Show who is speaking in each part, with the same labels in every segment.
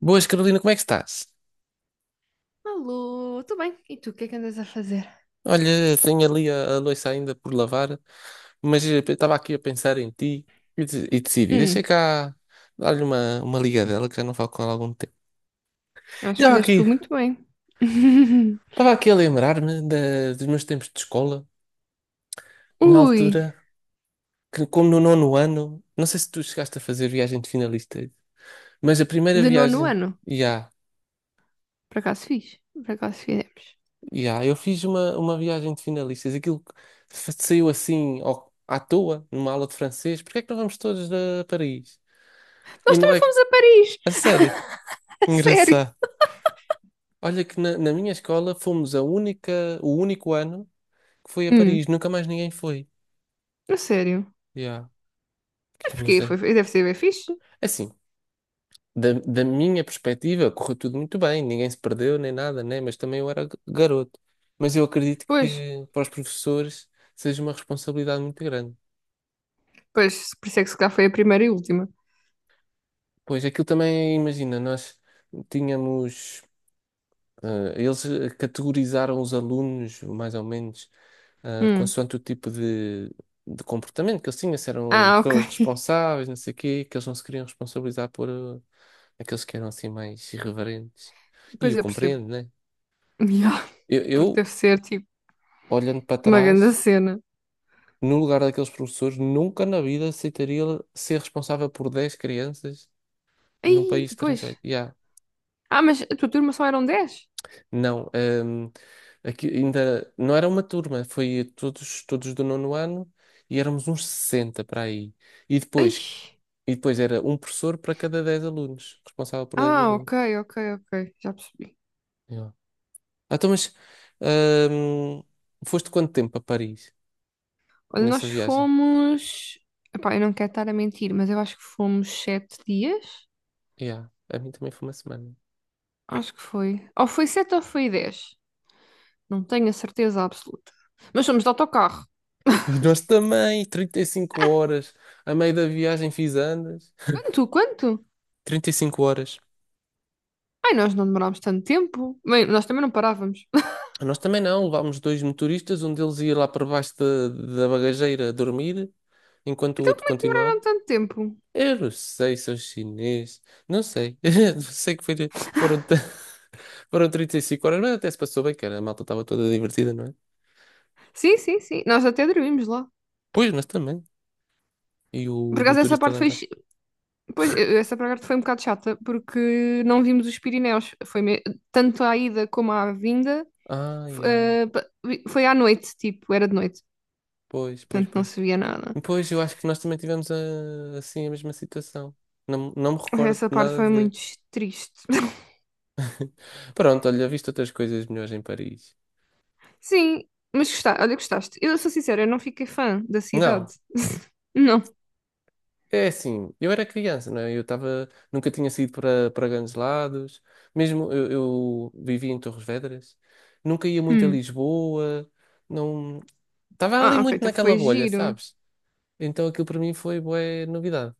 Speaker 1: Boas, Carolina, como é que estás?
Speaker 2: Alô, tudo bem? E tu, o que é que andas a fazer?
Speaker 1: Olha, tenho ali a louça ainda por lavar, mas estava aqui a pensar em ti e decidi,
Speaker 2: Hum,
Speaker 1: deixa cá dar-lhe uma ligadela que já não falo com ela há algum tempo.
Speaker 2: acho que
Speaker 1: Estava
Speaker 2: fizeste
Speaker 1: aqui,
Speaker 2: tu muito bem.
Speaker 1: estava aqui a lembrar-me dos meus tempos de escola, na
Speaker 2: Ui,
Speaker 1: altura, que como no nono ano, não sei se tu chegaste a fazer viagem de finalistas, mas a primeira
Speaker 2: de nono
Speaker 1: viagem,
Speaker 2: ano.
Speaker 1: já,
Speaker 2: Por acaso fiz? Por acaso fizemos.
Speaker 1: já, eu fiz uma viagem de finalistas, aquilo que saiu assim à toa, numa aula de francês, porque é que não vamos todos a Paris? E
Speaker 2: Nós
Speaker 1: não
Speaker 2: também
Speaker 1: é.
Speaker 2: fomos a Paris!
Speaker 1: A sério.
Speaker 2: A sério?
Speaker 1: Engraçado. Olha que na minha escola fomos o único ano que foi a
Speaker 2: Hum,
Speaker 1: Paris. Nunca mais ninguém foi.
Speaker 2: a sério.
Speaker 1: Yeah,
Speaker 2: Mas
Speaker 1: que não
Speaker 2: porquê? Foi,
Speaker 1: sei.
Speaker 2: deve ser bem fixe.
Speaker 1: Assim, da minha perspectiva, correu tudo muito bem. Ninguém se perdeu nem nada, né? Mas também eu era garoto. Mas eu acredito
Speaker 2: Pois,
Speaker 1: que para os professores seja uma responsabilidade muito grande.
Speaker 2: pois, por isso é que se calhar foi a primeira e última.
Speaker 1: Pois aquilo também, imagina, nós tínhamos. Eles categorizaram os alunos, mais ou menos,
Speaker 2: Hum.
Speaker 1: consoante o tipo de comportamento que eles tinham, se eram
Speaker 2: Ah, ok.
Speaker 1: pessoas responsáveis, não sei o quê, que eles não se queriam responsabilizar por, aqueles que eram assim mais irreverentes. E
Speaker 2: Pois
Speaker 1: eu
Speaker 2: eu percebo.
Speaker 1: compreendo, né?
Speaker 2: Ya,
Speaker 1: Eu,
Speaker 2: porque
Speaker 1: eu,
Speaker 2: deve ser tipo
Speaker 1: olhando para
Speaker 2: uma grande
Speaker 1: trás,
Speaker 2: cena.
Speaker 1: no lugar daqueles professores, nunca na vida aceitaria ser responsável por 10 crianças
Speaker 2: Ai,
Speaker 1: num país
Speaker 2: pois.
Speaker 1: estrangeiro. Yeah.
Speaker 2: Ah, mas a tua turma só eram 10?
Speaker 1: Não, aqui ainda não era uma turma, foi todos do nono ano e éramos uns 60 para aí. E
Speaker 2: Ai.
Speaker 1: depois E depois era um professor para cada 10 alunos, responsável por 10
Speaker 2: Ah,
Speaker 1: alunos.
Speaker 2: ok, ok, ok. Já percebi.
Speaker 1: Yeah. Ah, então, mas ahm, foste quanto tempo a Paris
Speaker 2: Olha,
Speaker 1: nessa
Speaker 2: nós
Speaker 1: viagem?
Speaker 2: fomos. Epá, eu não quero estar a mentir, mas eu acho que fomos 7 dias.
Speaker 1: Yeah. A mim também foi uma semana.
Speaker 2: Acho que foi. Ou foi sete ou foi 10. Não tenho a certeza absoluta. Mas fomos de autocarro.
Speaker 1: E nós também, 35 horas. A meio da viagem fiz andas.
Speaker 2: Quanto? Quanto?
Speaker 1: 35 horas.
Speaker 2: Ai, nós não demorámos tanto tempo. Bem, nós também não parávamos.
Speaker 1: Nós também não, levámos dois motoristas, um deles ia lá para baixo da bagageira dormir, enquanto o
Speaker 2: Então
Speaker 1: outro
Speaker 2: como é que
Speaker 1: continuava.
Speaker 2: demoraram tanto tempo?
Speaker 1: Eu não sei se é chinês. Não sei. Não sei que foi, foram, t- foram 35 horas, mas até se passou bem, cara. A malta estava toda divertida, não é?
Speaker 2: Sim, sim, sim. Nós até dormimos lá.
Speaker 1: Pois, nós também. E o
Speaker 2: Por acaso essa
Speaker 1: motorista lá
Speaker 2: parte
Speaker 1: em
Speaker 2: foi.
Speaker 1: baixo.
Speaker 2: Chi- Pois, essa parte foi um bocado chata, porque não vimos os Pirineus. Tanto à ida como à vinda.
Speaker 1: Ah, yeah.
Speaker 2: Foi à noite, tipo, era de noite.
Speaker 1: Pois, pois,
Speaker 2: Portanto
Speaker 1: pois.
Speaker 2: não se via nada.
Speaker 1: Pois, eu acho que nós também tivemos assim a mesma situação. Não, não me recordo
Speaker 2: Essa
Speaker 1: de
Speaker 2: parte
Speaker 1: nada
Speaker 2: foi
Speaker 1: de ver.
Speaker 2: muito triste.
Speaker 1: Pronto, olha, visto outras coisas melhores em Paris.
Speaker 2: Sim, mas gostaste, olha, gostaste. Eu sou sincera, eu não fiquei fã da
Speaker 1: Não.
Speaker 2: cidade. Não.
Speaker 1: É assim, eu era criança, não é? Eu estava, nunca tinha saído para grandes lados, mesmo eu vivia em Torres Vedras, nunca ia muito a
Speaker 2: Hum.
Speaker 1: Lisboa, não, estava ali
Speaker 2: Ah, ok,
Speaker 1: muito
Speaker 2: então
Speaker 1: naquela
Speaker 2: foi
Speaker 1: bolha,
Speaker 2: giro.
Speaker 1: sabes? Então aquilo para mim foi bué novidade.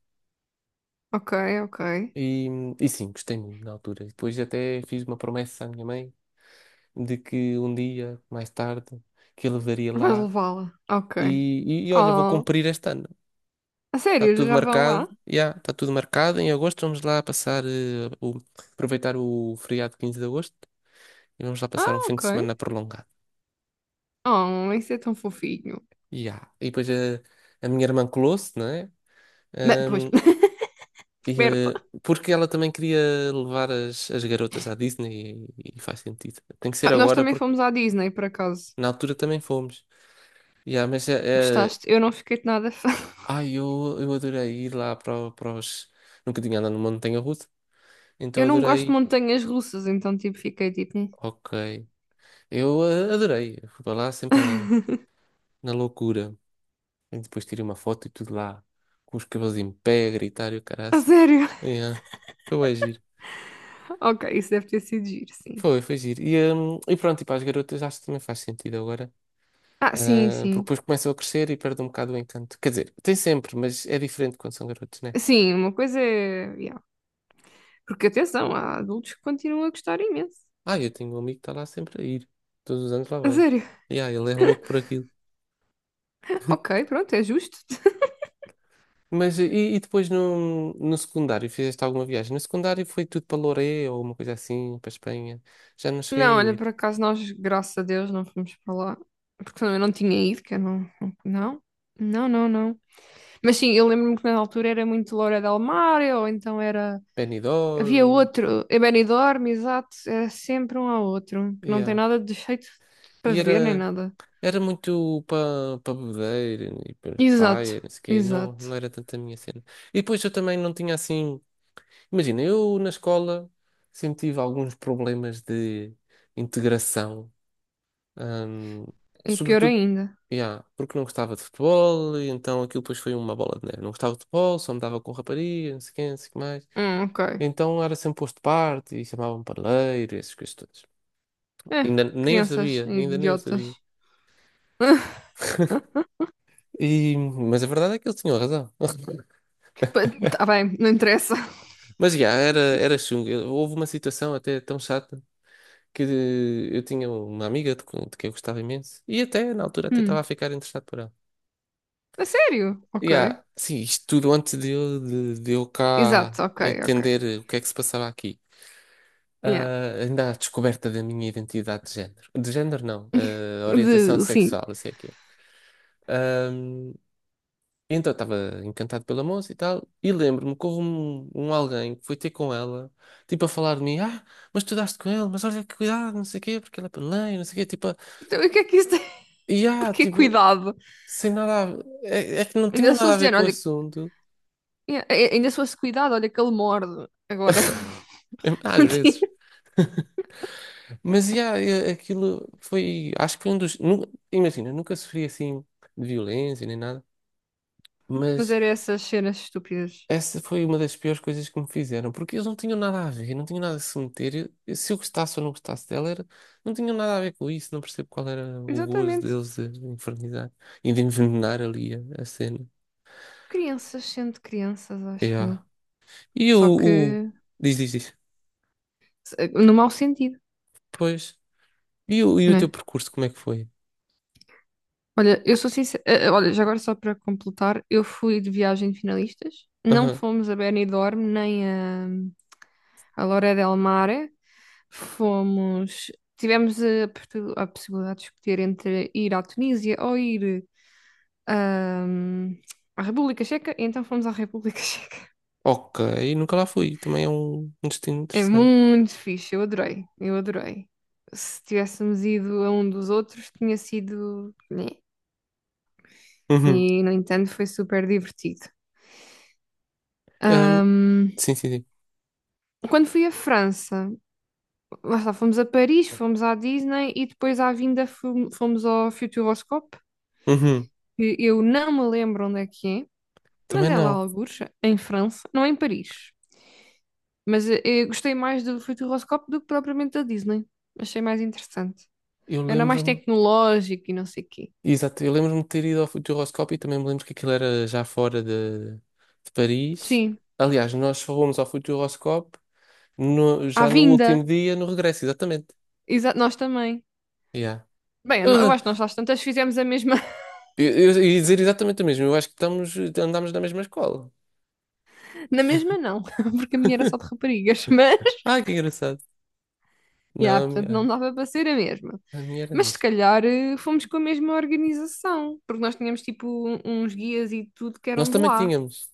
Speaker 2: Ok, ok.
Speaker 1: E, e sim, gostei muito na altura. E depois até fiz uma promessa à minha mãe de que um dia, mais tarde, que eu levaria
Speaker 2: Vais
Speaker 1: lá,
Speaker 2: levá-la. Ok.
Speaker 1: e, e olha, vou
Speaker 2: Oh,
Speaker 1: cumprir este ano.
Speaker 2: a
Speaker 1: Está
Speaker 2: sério,
Speaker 1: tudo
Speaker 2: já vão
Speaker 1: marcado,
Speaker 2: lá?
Speaker 1: já, está tudo marcado. Em agosto vamos lá passar, aproveitar o feriado de 15 de agosto e vamos lá passar um
Speaker 2: Ah,
Speaker 1: fim de
Speaker 2: ok.
Speaker 1: semana prolongado.
Speaker 2: Oh, isso é tão fofinho.
Speaker 1: Ya. E depois, minha irmã colou-se, não é?
Speaker 2: Não, pois,
Speaker 1: Ahm, e,
Speaker 2: esperta.
Speaker 1: eh, porque ela também queria levar as garotas à Disney e faz sentido. Tem que ser
Speaker 2: Ah, nós
Speaker 1: agora
Speaker 2: também
Speaker 1: porque
Speaker 2: fomos à Disney, por acaso.
Speaker 1: na altura também fomos. Ya, mas
Speaker 2: Gostaste? Eu não fiquei de nada fã.
Speaker 1: ai, eu adorei ir lá para, para os. Nunca tinha andado numa montanha russa,
Speaker 2: Eu
Speaker 1: então
Speaker 2: não gosto de
Speaker 1: adorei.
Speaker 2: montanhas russas, então tipo, fiquei tipo.
Speaker 1: Ok. Eu adorei. Eu fui lá sempre
Speaker 2: "Hum."
Speaker 1: na loucura. E depois tirei uma foto e tudo lá, com os cabelos em pé, a gritar e o
Speaker 2: A
Speaker 1: caraças.
Speaker 2: sério.
Speaker 1: Yeah. Foi bem giro.
Speaker 2: Ok, isso deve ter sido giro, sim.
Speaker 1: Foi giro. E pronto, e para as garotas acho que também faz sentido agora.
Speaker 2: Ah, sim,
Speaker 1: Ah, porque
Speaker 2: sim.
Speaker 1: depois começam a crescer e perde um bocado o encanto. Quer dizer, tem sempre, mas é diferente quando são garotos, né?
Speaker 2: Sim, uma coisa é. Yeah. Porque atenção, há adultos que continuam a gostar imenso.
Speaker 1: Ah, eu tenho um amigo que está lá sempre a ir. Todos os anos lá
Speaker 2: A
Speaker 1: vai.
Speaker 2: sério.
Speaker 1: Yeah, ele é louco por aquilo.
Speaker 2: Ok, pronto, é justo.
Speaker 1: Mas e depois no secundário, fizeste alguma viagem? No secundário foi tudo para Loré ou uma coisa assim, para Espanha. Já não
Speaker 2: Não,
Speaker 1: cheguei a
Speaker 2: olha,
Speaker 1: ir.
Speaker 2: por acaso nós, graças a Deus, não fomos para lá. Porque senão eu não tinha ido, que eu não. Não, não, não, não. Mas sim, eu lembro-me que na altura era muito Loura del Mar, ou então era. Havia
Speaker 1: Benidorm,
Speaker 2: outro, é Benidorm, exato, era sempre um ao outro, que não tem
Speaker 1: yeah.
Speaker 2: nada de jeito para
Speaker 1: E
Speaker 2: ver nem
Speaker 1: era,
Speaker 2: nada.
Speaker 1: era muito para bebedeira e para
Speaker 2: Exato,
Speaker 1: praia, não sei o quê. Não, não
Speaker 2: exato.
Speaker 1: era tanto a minha cena. E depois eu também não tinha assim. Imagina, eu na escola sempre tive alguns problemas de integração, hum,
Speaker 2: E pior
Speaker 1: sobretudo.
Speaker 2: ainda.
Speaker 1: Yeah, porque não gostava de futebol, e então aquilo depois foi uma bola de neve. Não gostava de futebol, só me dava com rapariga, não sei quem, não sei o que mais.
Speaker 2: Ok.
Speaker 1: Então era sempre posto de parte e chamavam-me parleiro e essas coisas todas.
Speaker 2: É,
Speaker 1: Ainda nem eu
Speaker 2: crianças
Speaker 1: sabia, ainda nem eu
Speaker 2: idiotas.
Speaker 1: sabia.
Speaker 2: Hã?
Speaker 1: Mas a verdade é que eles tinham razão.
Speaker 2: Pa- Tá bem, não interessa.
Speaker 1: Mas já, era chungo. Houve uma situação até tão chata que eu tinha uma amiga de que eu gostava imenso e até na altura até estava a
Speaker 2: Hum.
Speaker 1: ficar interessado por ela.
Speaker 2: A sério? Ok.
Speaker 1: E sim, isto tudo antes de eu cá
Speaker 2: Exato, ok, ok.
Speaker 1: entender o que é que se passava aqui.
Speaker 2: Yeah.
Speaker 1: Ainda à descoberta da minha identidade de género. De género, não, orientação
Speaker 2: Sim.
Speaker 1: sexual, isso é que é. Ahm, então, estava encantado pela moça e tal, e lembro-me que houve um alguém que foi ter com ela, tipo, a falar de mim, mas tu daste com ele, mas olha que cuidado, não sei o quê, porque ela é paneleiro, não sei o quê, tipo,
Speaker 2: Então, e o que é que isso tem?
Speaker 1: e
Speaker 2: Porque
Speaker 1: tipo,
Speaker 2: cuidado.
Speaker 1: sem nada a. É que não tinha
Speaker 2: Ainda se
Speaker 1: nada a
Speaker 2: fosse
Speaker 1: ver
Speaker 2: género,
Speaker 1: com o
Speaker 2: olha,
Speaker 1: assunto,
Speaker 2: yeah, ainda se fosse cuidado, olha que ele morde. Agora.
Speaker 1: às vezes. Mas, aquilo foi, acho que foi um dos, imagina, nunca sofri assim de violência nem nada,
Speaker 2: Mas
Speaker 1: mas
Speaker 2: eram essas cenas estúpidas.
Speaker 1: essa foi uma das piores coisas que me fizeram, porque eles não tinham nada a ver, não tinham nada a se meter. Se eu gostasse ou não gostasse dela, era, não tinham nada a ver com isso, não percebo qual era o gozo
Speaker 2: Exatamente.
Speaker 1: deles de infernizar e de envenenar ali a cena.
Speaker 2: Crianças sendo crianças, acho eu.
Speaker 1: Yeah. E o,
Speaker 2: Só
Speaker 1: o-
Speaker 2: que.
Speaker 1: Diz, diz, diz.
Speaker 2: No mau sentido,
Speaker 1: Pois. E o
Speaker 2: não
Speaker 1: teu
Speaker 2: é?
Speaker 1: percurso, como é que foi?
Speaker 2: Olha, eu sou sincera. Olha, já agora só para completar, eu fui de viagem de finalistas. Não
Speaker 1: Aham.
Speaker 2: fomos a Benidorm nem a Lloret del Mar. Fomos. Tivemos a possibilidade de escolher entre ir à Tunísia ou ir ahm, à República Checa. E então fomos à República Checa.
Speaker 1: Ok, nunca lá fui, também é um destino
Speaker 2: É
Speaker 1: interessante.
Speaker 2: muito fixe, eu adorei. Eu adorei. Se tivéssemos ido a um dos outros, tinha sido, né,
Speaker 1: Uhum.
Speaker 2: e, no entanto, foi super divertido.
Speaker 1: Ahm,
Speaker 2: Ahm,
Speaker 1: sim, sim, sim.
Speaker 2: Quando fui à França, lá está, fomos a Paris, fomos à Disney e depois à vinda fomos ao Futuroscope,
Speaker 1: Uhum.
Speaker 2: que eu não me lembro onde é que é, mas
Speaker 1: Também
Speaker 2: é lá
Speaker 1: não.
Speaker 2: algures, em França, não é em Paris. Mas eu gostei mais do Futuroscope do que propriamente da Disney. Achei mais interessante.
Speaker 1: Eu
Speaker 2: Era mais
Speaker 1: lembro-me.
Speaker 2: tecnológico e não sei o quê.
Speaker 1: Exato, eu lembro-me de ter ido ao futuroscópio e também me lembro que aquilo era já fora de Paris.
Speaker 2: Sim,
Speaker 1: Aliás, nós só fomos ao futuroscópio
Speaker 2: à
Speaker 1: já no
Speaker 2: vinda,
Speaker 1: último dia, no regresso, exatamente.
Speaker 2: nós também.
Speaker 1: Yeah.
Speaker 2: Bem, eu não- eu
Speaker 1: Ah,
Speaker 2: acho que nós às tantas fizemos a mesma.
Speaker 1: eu, eu ia dizer exatamente o mesmo, eu acho que andámos na mesma escola.
Speaker 2: Na mesma não, porque a minha era só de raparigas, mas
Speaker 1: Ah, que engraçado.
Speaker 2: yeah,
Speaker 1: Não, a
Speaker 2: portanto não
Speaker 1: minha,
Speaker 2: dava para ser a mesma.
Speaker 1: a minha era
Speaker 2: Mas se
Speaker 1: mista.
Speaker 2: calhar fomos com a mesma organização, porque nós tínhamos tipo uns guias e tudo que
Speaker 1: Nós
Speaker 2: eram de
Speaker 1: também
Speaker 2: lá.
Speaker 1: tínhamos,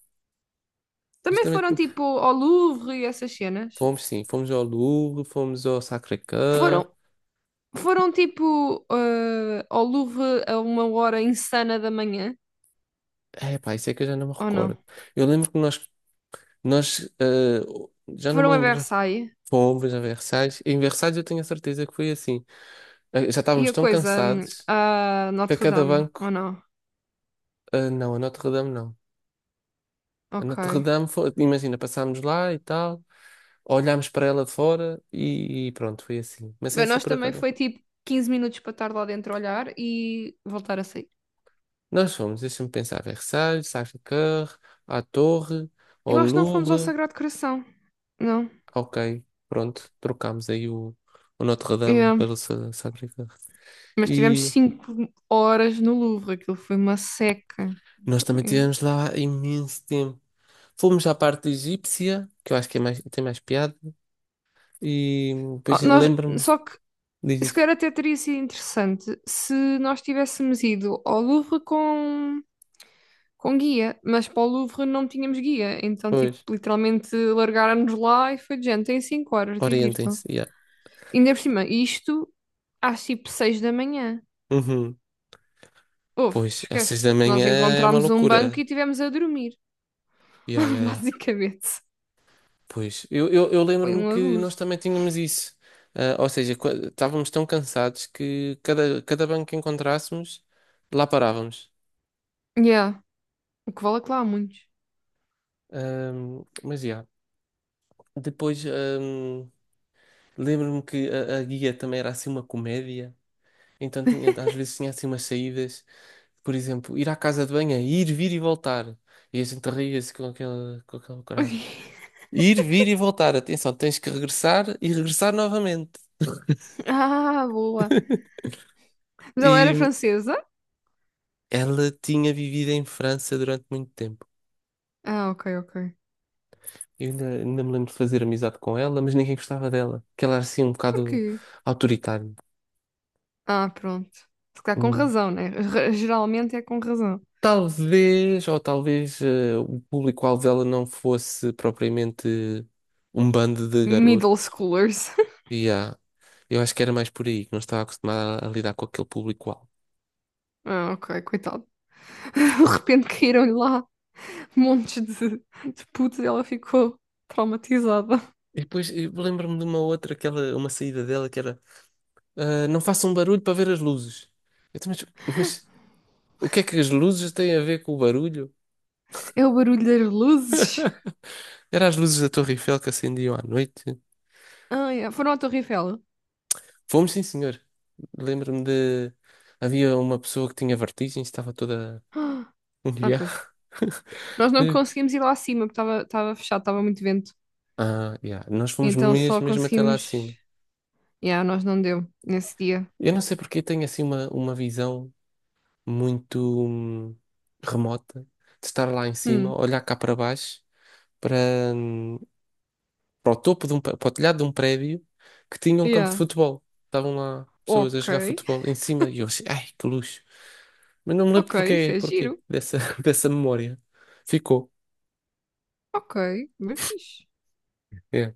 Speaker 1: nós
Speaker 2: Também
Speaker 1: também
Speaker 2: foram
Speaker 1: tínhamos.
Speaker 2: tipo ao Louvre e essas cenas.
Speaker 1: Fomos sim, fomos ao Louvre, fomos ao Sacré-Cœur.
Speaker 2: Foram, foram tipo ao Louvre a uma hora insana da manhã,
Speaker 1: É pá, isso é que eu já não me
Speaker 2: ou não?
Speaker 1: recordo. Eu lembro que nós já não me
Speaker 2: Foram a
Speaker 1: lembro.
Speaker 2: Versailles
Speaker 1: Fomos a Versalhes. Em Versalhes eu tenho a certeza que foi assim. Já
Speaker 2: e
Speaker 1: estávamos
Speaker 2: a
Speaker 1: tão
Speaker 2: coisa
Speaker 1: cansados
Speaker 2: a
Speaker 1: que a
Speaker 2: Notre
Speaker 1: cada
Speaker 2: Dame, ou
Speaker 1: banco.
Speaker 2: não?
Speaker 1: Não, a Notre-Dame não. A
Speaker 2: Ok.
Speaker 1: Notre-Dame foi. Imagina, passámos lá e tal, olhámos para ela de fora e pronto, foi assim. Mas
Speaker 2: Bem,
Speaker 1: essa
Speaker 2: nós
Speaker 1: por
Speaker 2: também
Speaker 1: acaso não
Speaker 2: foi
Speaker 1: foi.
Speaker 2: tipo 15 minutos para estar lá dentro a olhar e voltar a sair.
Speaker 1: Nós fomos, deixa-me pensar, Versalhes, Sacré-Cœur, à Torre, ao
Speaker 2: Eu acho que não fomos ao
Speaker 1: Louvre.
Speaker 2: Sagrado Coração. Não.
Speaker 1: Ok, pronto, trocámos aí o Notre-Dame
Speaker 2: Yeah.
Speaker 1: pelo Sacré-Cœur.
Speaker 2: Mas tivemos
Speaker 1: E
Speaker 2: 5 horas no Louvre. Aquilo foi uma seca.
Speaker 1: nós também tivemos lá imenso tempo. Fomos à parte egípcia, que eu acho que tem mais piada, e
Speaker 2: Oh,
Speaker 1: depois
Speaker 2: nós,
Speaker 1: lembro-me,
Speaker 2: só que
Speaker 1: diz
Speaker 2: se
Speaker 1: isto.
Speaker 2: calhar até teria sido interessante se nós tivéssemos ido ao Louvre com guia, mas para o Louvre não tínhamos guia, então tipo,
Speaker 1: Pois,
Speaker 2: literalmente largaram-nos lá e foi de gente, tem 5 horas, divirtam-se.
Speaker 1: orientem-se, yeah.
Speaker 2: Ainda por cima, isto às tipo 6 da manhã.
Speaker 1: Uhum.
Speaker 2: Houve,
Speaker 1: Pois, às seis
Speaker 2: esquece.
Speaker 1: da manhã
Speaker 2: Nós
Speaker 1: é uma
Speaker 2: encontramos um banco
Speaker 1: loucura.
Speaker 2: e tivemos a dormir.
Speaker 1: Yeah, yeah, yeah.
Speaker 2: Basicamente.
Speaker 1: Pois, eu
Speaker 2: Foi
Speaker 1: lembro-me
Speaker 2: um
Speaker 1: que nós
Speaker 2: abuso.
Speaker 1: também tínhamos isso. Ah, ou seja, estávamos tão cansados que cada banco que encontrássemos, lá parávamos.
Speaker 2: Yeah. O que vale é que lá há muitos.
Speaker 1: Mas, já. Depois, lembro-me que a guia também era assim uma comédia. Então às vezes tinha assim umas saídas, por exemplo, ir à casa de banho, é ir, vir e voltar. E a gente ria-se com aquela corada. Ir, vir e voltar. Atenção, tens que regressar e regressar novamente.
Speaker 2: Ah, boa. Mas ela era
Speaker 1: E
Speaker 2: francesa?
Speaker 1: ela tinha vivido em França durante muito tempo.
Speaker 2: Ah, ok, ok.
Speaker 1: Eu ainda me lembro de fazer amizade com ela, mas ninguém gostava dela. Que ela era assim um bocado
Speaker 2: Porquê?
Speaker 1: autoritária.
Speaker 2: Ah, pronto. Se calhar com
Speaker 1: Hum.
Speaker 2: razão, né? Geralmente é com razão.
Speaker 1: Talvez, o público-alvo dela não fosse propriamente um bando de garotos
Speaker 2: Middle schoolers.
Speaker 1: E há- eu acho que era mais por aí, que não estava acostumada a lidar com aquele público-alvo.
Speaker 2: Ah, ok, coitado. De repente caíram-lhe lá montes de putos e ela ficou traumatizada.
Speaker 1: E depois eu lembro-me de uma outra, aquela, uma saída dela que era, não façam barulho para ver as luzes. Eu, também, mas o que é que as luzes têm a ver com o barulho?
Speaker 2: É o barulho das luzes.
Speaker 1: Eram as luzes da Torre Eiffel que acendiam à noite.
Speaker 2: Ah, yeah. Foram à Torre Eiffel.
Speaker 1: Fomos, sim, senhor. Lembro-me de. Havia uma pessoa que tinha vertigem, estava toda.
Speaker 2: Ah, pois.
Speaker 1: Yeah.
Speaker 2: Nós não conseguimos ir lá acima, porque estava fechado, estava muito vento.
Speaker 1: Ah, yeah. Nós fomos
Speaker 2: Então só
Speaker 1: mesmo, mesmo até lá acima.
Speaker 2: conseguimos. Yeah, nós não deu nesse dia.
Speaker 1: Eu não sei porque tenho assim uma visão muito hum, remota, de estar lá em cima,
Speaker 2: Hum,
Speaker 1: olhar cá para baixo, para, hum, para o topo de para o telhado de um prédio que tinha um campo de
Speaker 2: yeah.
Speaker 1: futebol. Estavam lá pessoas a
Speaker 2: Ok.
Speaker 1: jogar futebol em cima e eu achei, ai, que luxo. Mas não me
Speaker 2: Ok,
Speaker 1: lembro
Speaker 2: isso
Speaker 1: porquê,
Speaker 2: é
Speaker 1: porquê
Speaker 2: giro.
Speaker 1: dessa memória. Ficou.
Speaker 2: Ok, bem fixe.
Speaker 1: É.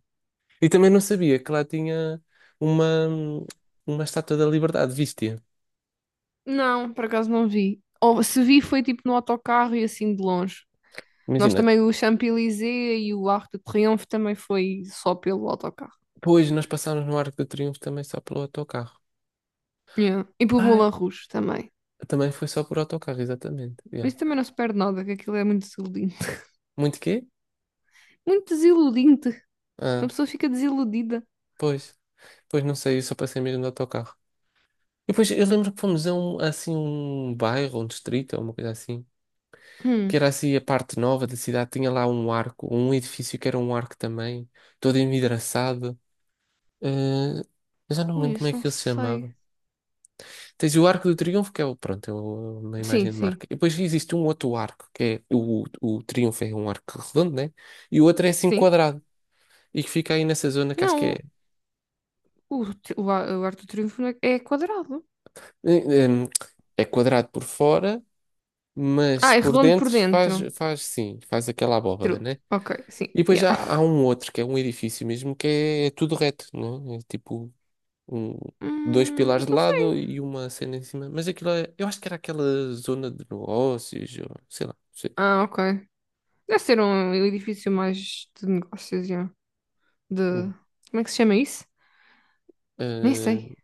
Speaker 1: E também não sabia que lá tinha uma, hum, uma estátua da Liberdade, viste-a?
Speaker 2: Não, por acaso não vi. Ou se vi foi tipo no autocarro e assim de longe. Nós
Speaker 1: Imagina,
Speaker 2: também o Champs-Élysées e o Arco de Triomphe também foi só pelo autocarro.
Speaker 1: depois nós passámos no Arco do Triunfo também só pelo autocarro.
Speaker 2: Yeah. E pelo
Speaker 1: Ah,
Speaker 2: Moulin Rouge também.
Speaker 1: também foi só por autocarro, exatamente.
Speaker 2: Mas
Speaker 1: Yeah.
Speaker 2: isso também não se perde nada, que aquilo é muito desiludinte.
Speaker 1: Muito quê?
Speaker 2: Muito desiludinte. Uma
Speaker 1: Ah,
Speaker 2: pessoa fica desiludida.
Speaker 1: pois. Pois não sei, eu só passei mesmo de autocarro. E depois eu lembro que fomos a um, assim, um bairro, um distrito, ou uma coisa assim, que
Speaker 2: Hum.
Speaker 1: era assim a parte nova da cidade, tinha lá um arco, um edifício que era um arco também, todo envidraçado. Ah, eu já não me
Speaker 2: Ui,
Speaker 1: lembro como é
Speaker 2: isso não
Speaker 1: que ele se
Speaker 2: sei.
Speaker 1: chamava. Tens o Arco do Triunfo, que é o, pronto, uma
Speaker 2: Sim,
Speaker 1: imagem de
Speaker 2: sim.
Speaker 1: marca. E depois existe um outro arco, que é o Triunfo é um arco redondo, né? E o outro é assim
Speaker 2: Sim?
Speaker 1: quadrado, e que fica aí nessa zona que acho que
Speaker 2: Não,
Speaker 1: é.
Speaker 2: o arco do triunfo não é, é quadrado.
Speaker 1: eh, eh, é quadrado por fora, mas
Speaker 2: Ah, é
Speaker 1: por
Speaker 2: redondo por
Speaker 1: dentro
Speaker 2: dentro.
Speaker 1: faz, sim, faz aquela abóbada,
Speaker 2: True.
Speaker 1: né?
Speaker 2: Ok, sim.
Speaker 1: E depois
Speaker 2: Yeah.
Speaker 1: já há um outro, que é um edifício mesmo, que é tudo reto, né? É tipo um, dois pilares
Speaker 2: Isso
Speaker 1: de
Speaker 2: não
Speaker 1: lado
Speaker 2: sei.
Speaker 1: e uma cena em cima. Mas aquilo eu acho que era aquela zona de negócios, ou, sei lá, não sei.
Speaker 2: Ah, ok. Deve ser um edifício mais de negócios, yeah. De...
Speaker 1: Hum.
Speaker 2: Como é que se chama isso? Nem
Speaker 1: Ah,
Speaker 2: sei.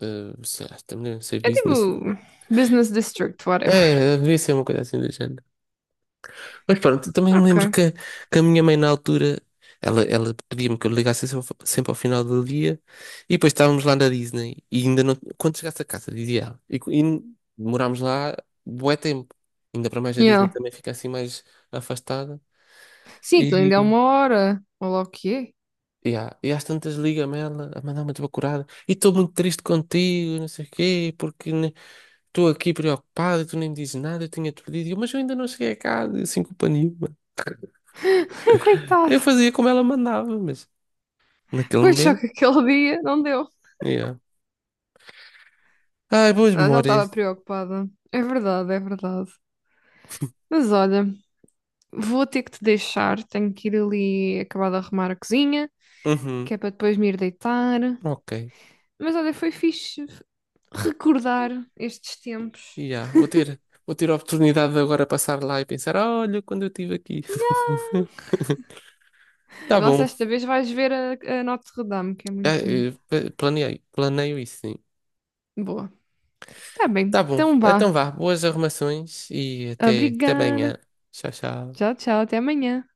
Speaker 1: ah, sei lá, também não sei
Speaker 2: É
Speaker 1: business.
Speaker 2: tipo Business District, whatever.
Speaker 1: É, devia ser uma coisa assim do género. Mas pronto, também me
Speaker 2: Ok.
Speaker 1: lembro que a minha mãe na altura, ela pedia-me que eu ligasse sempre sempre ao final do dia e depois estávamos lá na Disney e ainda não, quando chegasse a casa, dizia ela, e demorámos lá bué tempo, ainda para mais a Disney
Speaker 2: Yeah.
Speaker 1: também fica assim mais afastada
Speaker 2: Sim, aquilo
Speaker 1: e,
Speaker 2: ainda é uma hora. Olha lá o que é.
Speaker 1: e às tantas liga-me ela a mandar uma desbacurada e estou muito triste contigo, não sei o quê, porque estou aqui preocupado e tu nem me dizes nada, eu tinha-te pedido, Mas eu ainda não cheguei a casa, e sem culpa nenhuma.
Speaker 2: Coitado.
Speaker 1: Eu fazia como ela mandava, mas. Naquele
Speaker 2: Pois só
Speaker 1: momento?
Speaker 2: que aquele dia não deu.
Speaker 1: Yeah. Ai, boas
Speaker 2: Ah, já
Speaker 1: memórias.
Speaker 2: estava preocupada. É verdade, é verdade. Mas olha, vou ter que te deixar. Tenho que ir ali acabar de arrumar a cozinha,
Speaker 1: Uhum.
Speaker 2: que é para depois me ir deitar.
Speaker 1: Ok.
Speaker 2: Mas olha, foi fixe recordar estes tempos.
Speaker 1: Yeah. Vou ter a oportunidade de agora passar lá e pensar, "Ah, olha, quando eu estive aqui. Tá
Speaker 2: Vê lá se
Speaker 1: bom.
Speaker 2: esta vez vais ver a Notre-Dame, que é
Speaker 1: Ah,
Speaker 2: muito bonita.
Speaker 1: planeio isso, sim.
Speaker 2: Boa. Tá
Speaker 1: Tá
Speaker 2: bem.
Speaker 1: bom.
Speaker 2: Então
Speaker 1: Então
Speaker 2: vá.
Speaker 1: vá. Boas arrumações e até
Speaker 2: Obrigada.
Speaker 1: amanhã. Tchau,
Speaker 2: Tchau,
Speaker 1: tchau.
Speaker 2: tchau. Até amanhã.